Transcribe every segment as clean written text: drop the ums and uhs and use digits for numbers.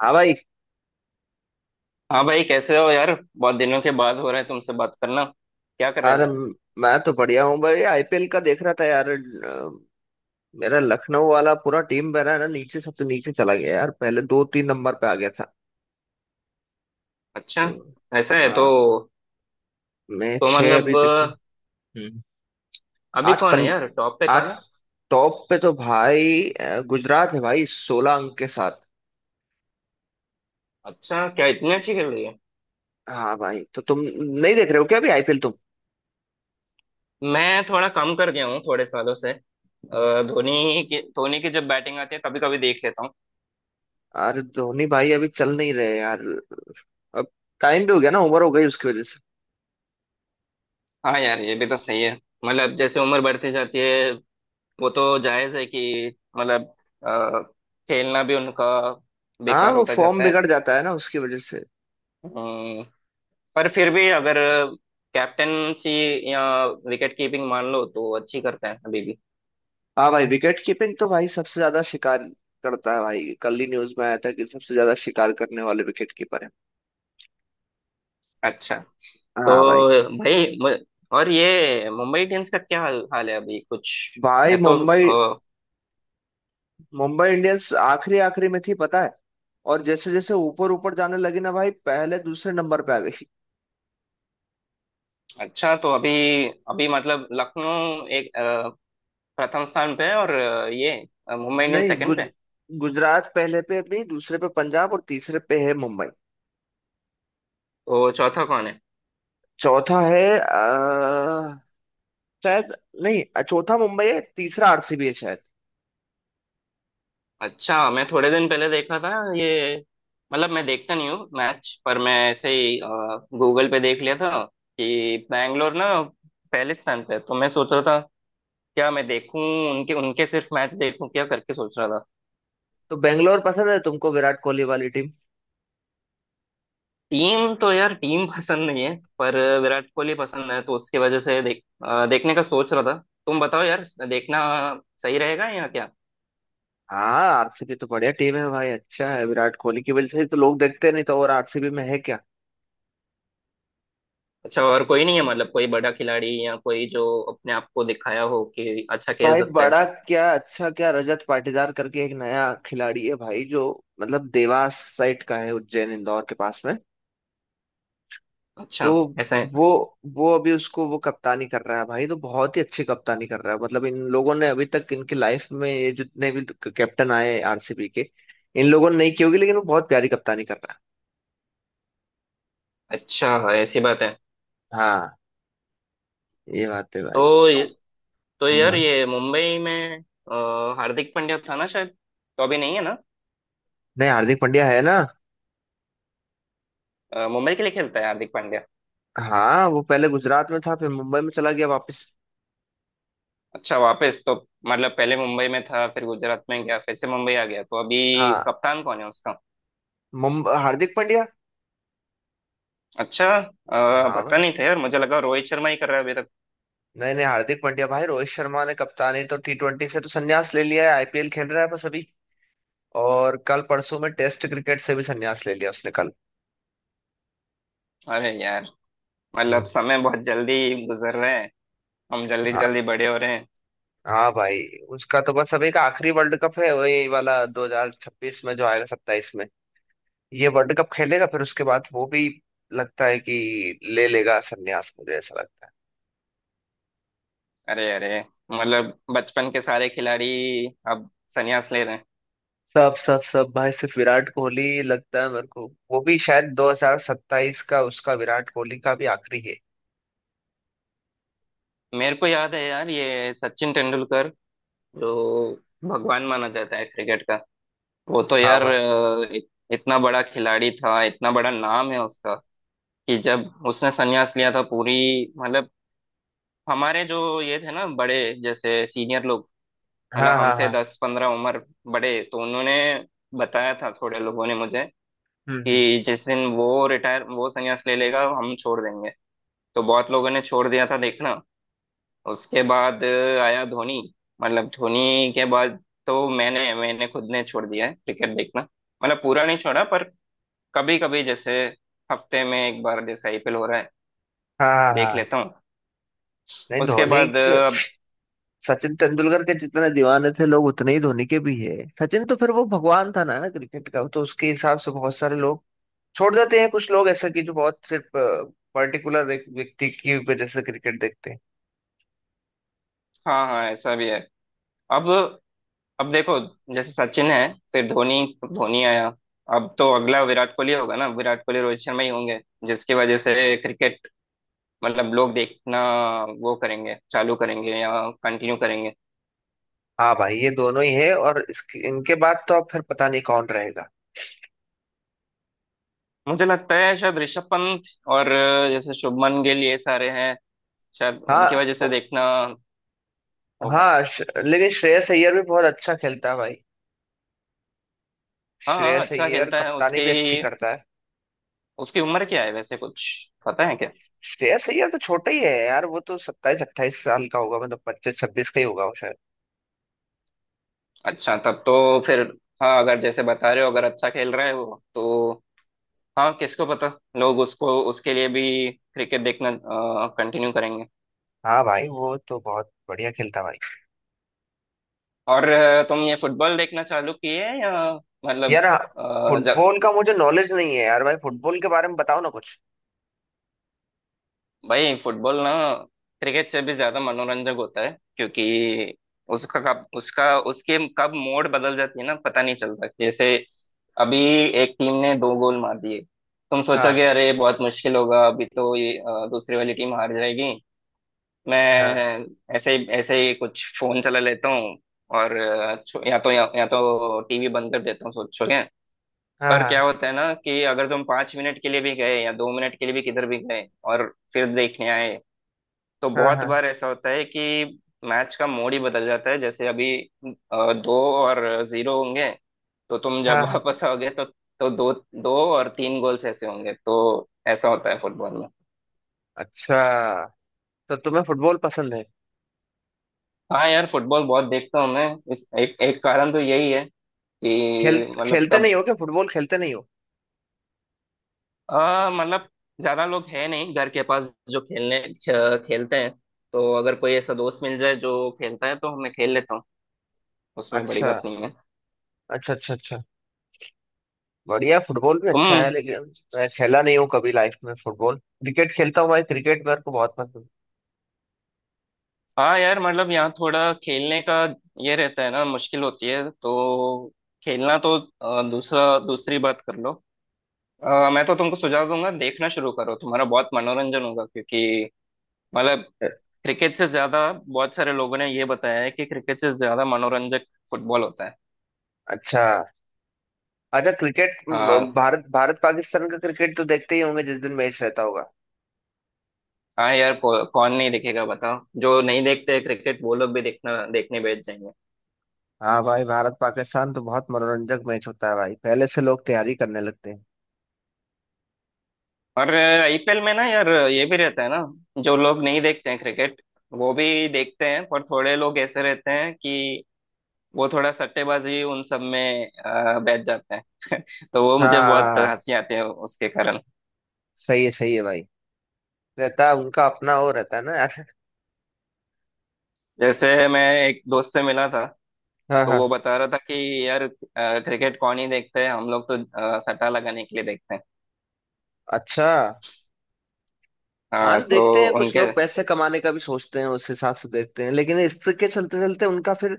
हाँ भाई। हाँ भाई कैसे हो यार। बहुत दिनों के बाद हो रहा है तुमसे बात करना, क्या कर रहे अरे थे। मैं तो बढ़िया हूँ भाई, आईपीएल का देख रहा था यार। मेरा लखनऊ वाला पूरा टीम मेरा है ना, नीचे सबसे नीचे चला गया यार, पहले दो तीन नंबर पे आ गया था अच्छा। तो। ऐसा है तो। हाँ, मैं तो छह अभी मतलब तक थे। हम्म। अभी आज कौन है पन यार, टॉप पे आज कौन है। टॉप पे तो भाई गुजरात है भाई 16 अंक के साथ। अच्छा, क्या इतनी अच्छी खेल रही है। हाँ भाई, तो तुम नहीं देख रहे हो क्या अभी आईपीएल तुम। मैं थोड़ा कम कर गया हूँ थोड़े सालों से। धोनी की जब बैटिंग आती है कभी कभी देख लेता हूँ। अरे धोनी भाई अभी चल नहीं रहे यार। अब टाइम भी हो गया ना, उम्र हो गई उसकी वजह से। हाँ यार ये भी तो सही है। मतलब जैसे उम्र बढ़ती जाती है, वो तो जायज है कि मतलब अ, खेलना भी उनका हाँ बेकार वो होता फॉर्म जाता है। बिगड़ जाता है ना उसकी वजह से। हम्म, पर फिर भी अगर कैप्टनसी या विकेट कीपिंग मान लो तो अच्छी करते हैं अभी भी। हाँ भाई, विकेट कीपिंग तो भाई सबसे ज्यादा शिकार करता है भाई, कल ही न्यूज में आया था कि सबसे ज्यादा शिकार करने वाले विकेट कीपर है। अच्छा। तो हाँ भाई। भाई और ये मुंबई इंडियंस का क्या हाल है अभी कुछ। भाई मैं तो मुंबई अ, मुंबई इंडियंस आखिरी आखिरी में थी पता है, और जैसे जैसे ऊपर ऊपर जाने लगी ना भाई पहले दूसरे नंबर पे आ गई। अच्छा, तो अभी, अभी मतलब लखनऊ एक प्रथम स्थान पे है, और ये मुंबई इंडियंस नहीं, सेकंड गुज पे। गुजरात पहले पे, अपनी दूसरे पे पंजाब और तीसरे पे है मुंबई। तो चौथा कौन है। चौथा है शायद, नहीं, चौथा मुंबई है, तीसरा आरसीबी है शायद। अच्छा, मैं थोड़े दिन पहले देखा था ये, मतलब मैं देखता नहीं हूँ मैच, पर मैं ऐसे ही गूगल पे देख लिया था कि बैंगलोर ना पहले स्थान पे है। तो मैं सोच रहा था क्या मैं देखूं, उनके उनके सिर्फ मैच देखूं क्या, करके सोच रहा था। तो बेंगलोर पसंद है तुमको विराट कोहली वाली। टीम तो यार टीम पसंद नहीं है, पर विराट कोहली पसंद है तो उसकी वजह से देख देखने का सोच रहा था। तुम बताओ यार, देखना सही रहेगा या क्या। हाँ आरसीबी तो बढ़िया टीम है भाई, अच्छा है, विराट कोहली की वजह से ही तो लोग देखते, नहीं तो और आरसीबी में है क्या। अच्छा, और कोई नहीं है मतलब, कोई बड़ा खिलाड़ी या कोई जो अपने आप को दिखाया हो कि अच्छा खेल भाई सकते हैं। बड़ा क्या अच्छा क्या, रजत पाटीदार करके एक नया खिलाड़ी है भाई, जो मतलब देवास साइड का है, उज्जैन इंदौर के पास में तो। अच्छा। ऐसा है। वो वो अभी उसको वो कप्तानी कर रहा है भाई, तो बहुत ही अच्छी कप्तानी कर रहा है, मतलब इन लोगों ने अभी तक, इनकी लाइफ में ये जितने भी कैप्टन आए आरसीबी के, इन लोगों ने नहीं की होगी, लेकिन वो बहुत प्यारी कप्तानी कर रहा अच्छा, ऐसी बात है। है। हाँ, ये बात है भाई, तो तो ये- तो यार हाँ। ये मुंबई में अ, हार्दिक पांड्या था ना शायद, तो अभी नहीं है ना। नहीं, हार्दिक पांड्या है ना। मुंबई के लिए खेलता है हार्दिक पांड्या। हाँ, वो पहले गुजरात में था, फिर मुंबई में चला गया वापस। अच्छा, वापस तो मतलब पहले मुंबई में था, फिर गुजरात में गया, फिर से मुंबई आ गया। तो अभी हाँ, कप्तान कौन है उसका। मुंबई हार्दिक पांड्या। अच्छा, हाँ भाई। पता नहीं था यार, मुझे लगा रोहित शर्मा ही कर रहा है अभी तक। नहीं नहीं, हार्दिक पांड्या भाई, रोहित शर्मा ने कप्तानी तो टी ट्वेंटी से तो संन्यास ले लिया है, आईपीएल खेल रहा है बस अभी। और कल परसों में टेस्ट क्रिकेट से भी संन्यास ले लिया उसने कल। अरे यार, मतलब हम्म। समय बहुत जल्दी गुजर रहे हैं, हम जल्दी हाँ जल्दी बड़े हो रहे हैं। हाँ भाई। उसका तो बस अभी का आखिरी वर्ल्ड कप है, वही वाला 2026 में जो आएगा, 27 में ये वर्ल्ड कप खेलेगा, फिर उसके बाद वो भी लगता है कि ले लेगा संन्यास, मुझे ऐसा लगता है। अरे अरे, मतलब बचपन के सारे खिलाड़ी अब संन्यास ले रहे हैं। सब सब सब भाई, सिर्फ विराट कोहली लगता है मेरे को। वो भी शायद 2027 का उसका, विराट कोहली का भी आखिरी है। मेरे को याद है यार, ये सचिन तेंदुलकर जो भगवान माना जाता है क्रिकेट का, वो तो हाँ यार भाई। इतना बड़ा खिलाड़ी था, इतना बड़ा नाम है उसका, कि जब उसने संन्यास लिया था पूरी मतलब हमारे जो ये थे ना बड़े, जैसे सीनियर लोग, हाँ मतलब हाँ हमसे हाँ। दस पंद्रह उम्र बड़े, तो उन्होंने बताया था थोड़े लोगों ने मुझे हम्म हम्म, कि जिस दिन वो रिटायर वो संन्यास ले लेगा हम छोड़ देंगे। तो बहुत लोगों ने छोड़ दिया था देखना उसके बाद। आया धोनी, मतलब धोनी के बाद तो मैंने मैंने खुद ने छोड़ दिया है क्रिकेट देखना। मतलब पूरा नहीं छोड़ा, पर कभी कभी जैसे हफ्ते में एक बार, जैसे आईपीएल हो रहा है हाँ हाँ देख हाँ। लेता हूँ नहीं उसके धोनी बाद। के- अब सचिन तेंदुलकर के जितने दीवाने थे लोग, उतने ही धोनी के भी है। सचिन तो फिर वो भगवान था ना क्रिकेट का, तो उसके हिसाब से बहुत सारे लोग छोड़ देते हैं, कुछ लोग ऐसा कि जो बहुत सिर्फ पर्टिकुलर एक व्यक्ति की वजह से क्रिकेट देखते हैं। हाँ हाँ, ऐसा भी है। अब अब देखो, जैसे सचिन है फिर धोनी, धोनी आया, अब तो अगला विराट कोहली होगा ना, विराट कोहली रोहित शर्मा ही होंगे जिसकी वजह से क्रिकेट मतलब लोग देखना वो करेंगे, चालू करेंगे या कंटिन्यू करेंगे। हाँ भाई, ये दोनों ही है, और इसके इनके बाद तो अब फिर पता नहीं कौन रहेगा। मुझे लगता है शायद ऋषभ पंत और जैसे शुभमन गिल, ये सारे हैं, शायद हाँ उनकी वजह से देखना होगा। हाँ, लेकिन श्रेयस अय्यर भी बहुत अच्छा खेलता है भाई। हाँ हाँ, श्रेयस अच्छा अय्यर खेलता है। कप्तानी उसकी भी अच्छी करता है। उसकी उम्र क्या है वैसे, कुछ पता है क्या। श्रेयस अय्यर तो छोटा ही है यार, वो तो 27-28 साल का होगा, मतलब 25-26 का ही होगा वो शायद। अच्छा, तब तो फिर हाँ, अगर जैसे बता रहे हो, अगर अच्छा खेल रहा है वो, तो हाँ किसको पता, लोग उसको उसके लिए भी क्रिकेट देखना कंटिन्यू करेंगे। हाँ भाई, वो तो बहुत बढ़िया खेलता है भाई। और तुम ये फुटबॉल देखना चालू किए या मतलब। यार हाँ, फुटबॉल का मुझे नॉलेज नहीं है यार भाई, फुटबॉल के बारे में बताओ ना कुछ। भाई फुटबॉल ना क्रिकेट से भी ज्यादा मनोरंजक होता है क्योंकि उसका कब, उसका, उसके कब मोड़ बदल जाती है ना पता नहीं चलता। जैसे अभी एक टीम ने दो गोल मार दिए, तुम सोचोगे हाँ। अरे बहुत मुश्किल होगा, अभी तो ये दूसरी वाली टीम हार जाएगी। हाँ मैं ऐसे ही कुछ फोन चला लेता हूँ और या तो या तो टीवी बंद कर देता हूँ सोचोगे। हाँ। पर हाँ क्या होता है ना कि अगर तुम पांच मिनट के लिए भी गए या दो मिनट के लिए भी किधर भी गए और फिर देखने आए तो बहुत हाँ बार ऐसा होता है कि मैच का मोड ही बदल जाता है। जैसे अभी दो और जीरो होंगे तो तुम हाँ। जब हाँ वापस आओगे तो दो, दो और तीन गोल्स ऐसे होंगे। तो ऐसा होता है फुटबॉल में। अच्छा, तो तुम्हें फुटबॉल पसंद है। हाँ यार फुटबॉल बहुत देखता हूँ मैं। इस एक एक कारण तो यही है खेल कि मतलब खेलते नहीं कब। हो क्या, फुटबॉल खेलते नहीं हो। आ, मतलब ज्यादा लोग है नहीं घर के पास जो खेलने खेलते हैं। तो अगर कोई ऐसा दोस्त मिल जाए जो खेलता है तो मैं खेल लेता हूँ, उसमें बड़ी अच्छा बात नहीं है। अच्छा अच्छा। अच्छा बढ़िया, फुटबॉल भी अच्छा है, तुम लेकिन मैं खेला नहीं हूँ कभी लाइफ में फुटबॉल, क्रिकेट खेलता हूँ भाई, क्रिकेट मेरे को बहुत पसंद हाँ यार, मतलब यहाँ थोड़ा खेलने का ये रहता है ना, मुश्किल होती है तो खेलना तो दूसरा दूसरी बात कर लो। मैं तो तुमको सुझाव दूंगा, देखना शुरू करो, तुम्हारा बहुत मनोरंजन होगा क्योंकि मतलब है। क्रिकेट से ज्यादा, बहुत सारे लोगों ने ये बताया है कि क्रिकेट से ज्यादा मनोरंजक फुटबॉल होता है। अच्छा अच्छा। क्रिकेट हाँ, भारत भारत पाकिस्तान का क्रिकेट तो देखते ही होंगे जिस दिन मैच रहता होगा। हाँ यार कौन नहीं देखेगा बताओ, जो नहीं देखते क्रिकेट वो लोग भी देखना, देखने बैठ जाएंगे। हाँ भाई, भारत पाकिस्तान तो बहुत मनोरंजक मैच होता है भाई, पहले से लोग तैयारी करने लगते हैं। और आईपीएल में ना यार ये भी रहता है ना, जो लोग नहीं देखते हैं क्रिकेट वो भी देखते हैं, पर थोड़े लोग ऐसे रहते हैं कि वो थोड़ा सट्टेबाजी उन सब में बैठ जाते हैं। तो वो हाँ मुझे बहुत हाँ हाँ, हंसी आती है उसके कारण। सही है भाई। रहता है उनका अपना वो, रहता है ना यार। जैसे मैं एक दोस्त से मिला था, हाँ तो हाँ। वो बता रहा था कि यार क्रिकेट कौन ही देखते हैं, हम लोग तो सट्टा लगाने के लिए देखते हैं। अच्छा। हाँ हाँ तो तो देखते हैं, कुछ उनके लोग पैसे कमाने का भी सोचते हैं, उस हिसाब से देखते हैं, लेकिन इसके चलते चलते उनका फिर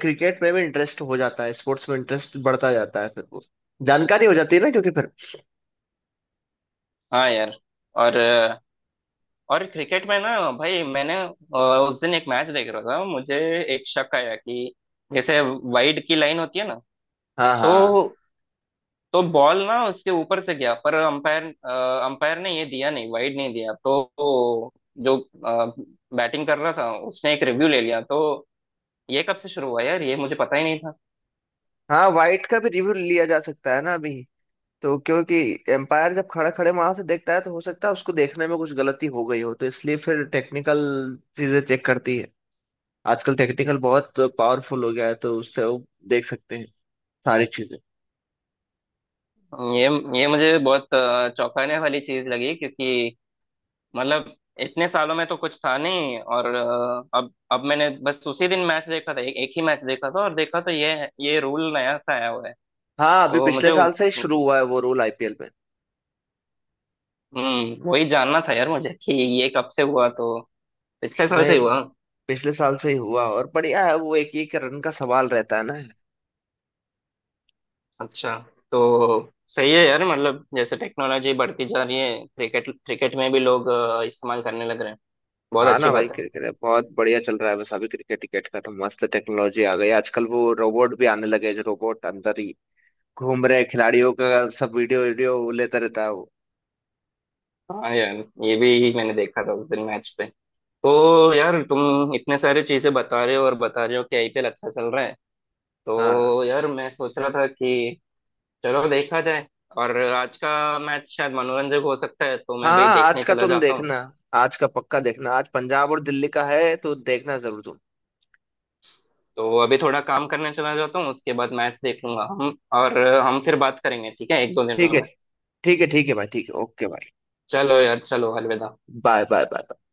क्रिकेट में भी इंटरेस्ट हो जाता है, स्पोर्ट्स में इंटरेस्ट बढ़ता जाता है, फिर वो जानकारी हो जाती है ना क्योंकि फिर। हाँ यार। और और क्रिकेट में ना भाई मैंने उस दिन एक मैच देख रहा था, मुझे एक शक आया कि जैसे वाइड की लाइन होती है ना, हाँ तो हाँ तो बॉल ना उसके ऊपर से गया पर अंपायर, अंपायर ने ये दिया नहीं, वाइड नहीं दिया। तो जो बैटिंग कर रहा था उसने एक रिव्यू ले लिया। तो ये कब से शुरू हुआ यार, ये मुझे पता ही नहीं था। हाँ। वाइट का भी रिव्यू लिया जा सकता है ना अभी, तो क्योंकि एम्पायर जब खड़ा खड़े वहां से देखता है, तो हो सकता है उसको देखने में कुछ गलती हो गई हो, तो इसलिए फिर टेक्निकल चीजें चेक करती है। आजकल टेक्निकल बहुत पावरफुल हो गया है, तो उससे वो देख सकते हैं सारी चीजें। ये ये मुझे बहुत चौंकाने वाली चीज लगी क्योंकि मतलब इतने सालों में तो कुछ था नहीं। और अब मैंने बस उसी दिन मैच देखा था, एक एक ही मैच देखा था और देखा तो ये रूल नया सा आया हुआ है। हाँ, अभी तो पिछले साल से ही शुरू हुआ है वो रूल आईपीएल में। हम्म, वही जानना था यार मुझे कि ये कब से हुआ। तो पिछले साल से नहीं, ही हुआ पिछले साल से ही हुआ, और बढ़िया है वो, एक एक रन का सवाल रहता है ना। अच्छा। तो सही है यार, मतलब जैसे टेक्नोलॉजी बढ़ती जा रही है क्रिकेट, क्रिकेट में भी लोग इस्तेमाल करने लग रहे हैं, बहुत हाँ अच्छी ना भाई, बात है। क्रिकेट बहुत बढ़िया चल रहा है, बस अभी क्रिकेट टिकेट का तो मस्त टेक्नोलॉजी आ गई आजकल, वो रोबोट भी आने लगे हैं, जो रोबोट अंदर ही घूम रहे, खिलाड़ियों का सब वीडियो वीडियो लेता रहता है वो। हाँ यार ये भी मैंने देखा था उस दिन मैच पे। तो यार तुम इतने सारे चीजें बता रहे हो और बता रहे हो कि आईपीएल अच्छा चल रहा है, हाँ तो यार मैं सोच रहा था कि चलो देखा जाए, और आज का मैच शायद मनोरंजक हो सकता है तो हाँ मैं भी हाँ, आज देखने का चला तुम जाता हूँ। देखना, आज का पक्का देखना, आज पंजाब और दिल्ली का है तो देखना जरूर तुम। तो अभी थोड़ा काम करने चला जाता हूँ, उसके बाद मैच देख लूंगा, हम, और हम फिर बात करेंगे ठीक है, एक दो ठीक दिनों है, में। ठीक है, ठीक है भाई, ठीक है, ओके भाई। चलो यार, चलो अलविदा। Bye bye bye.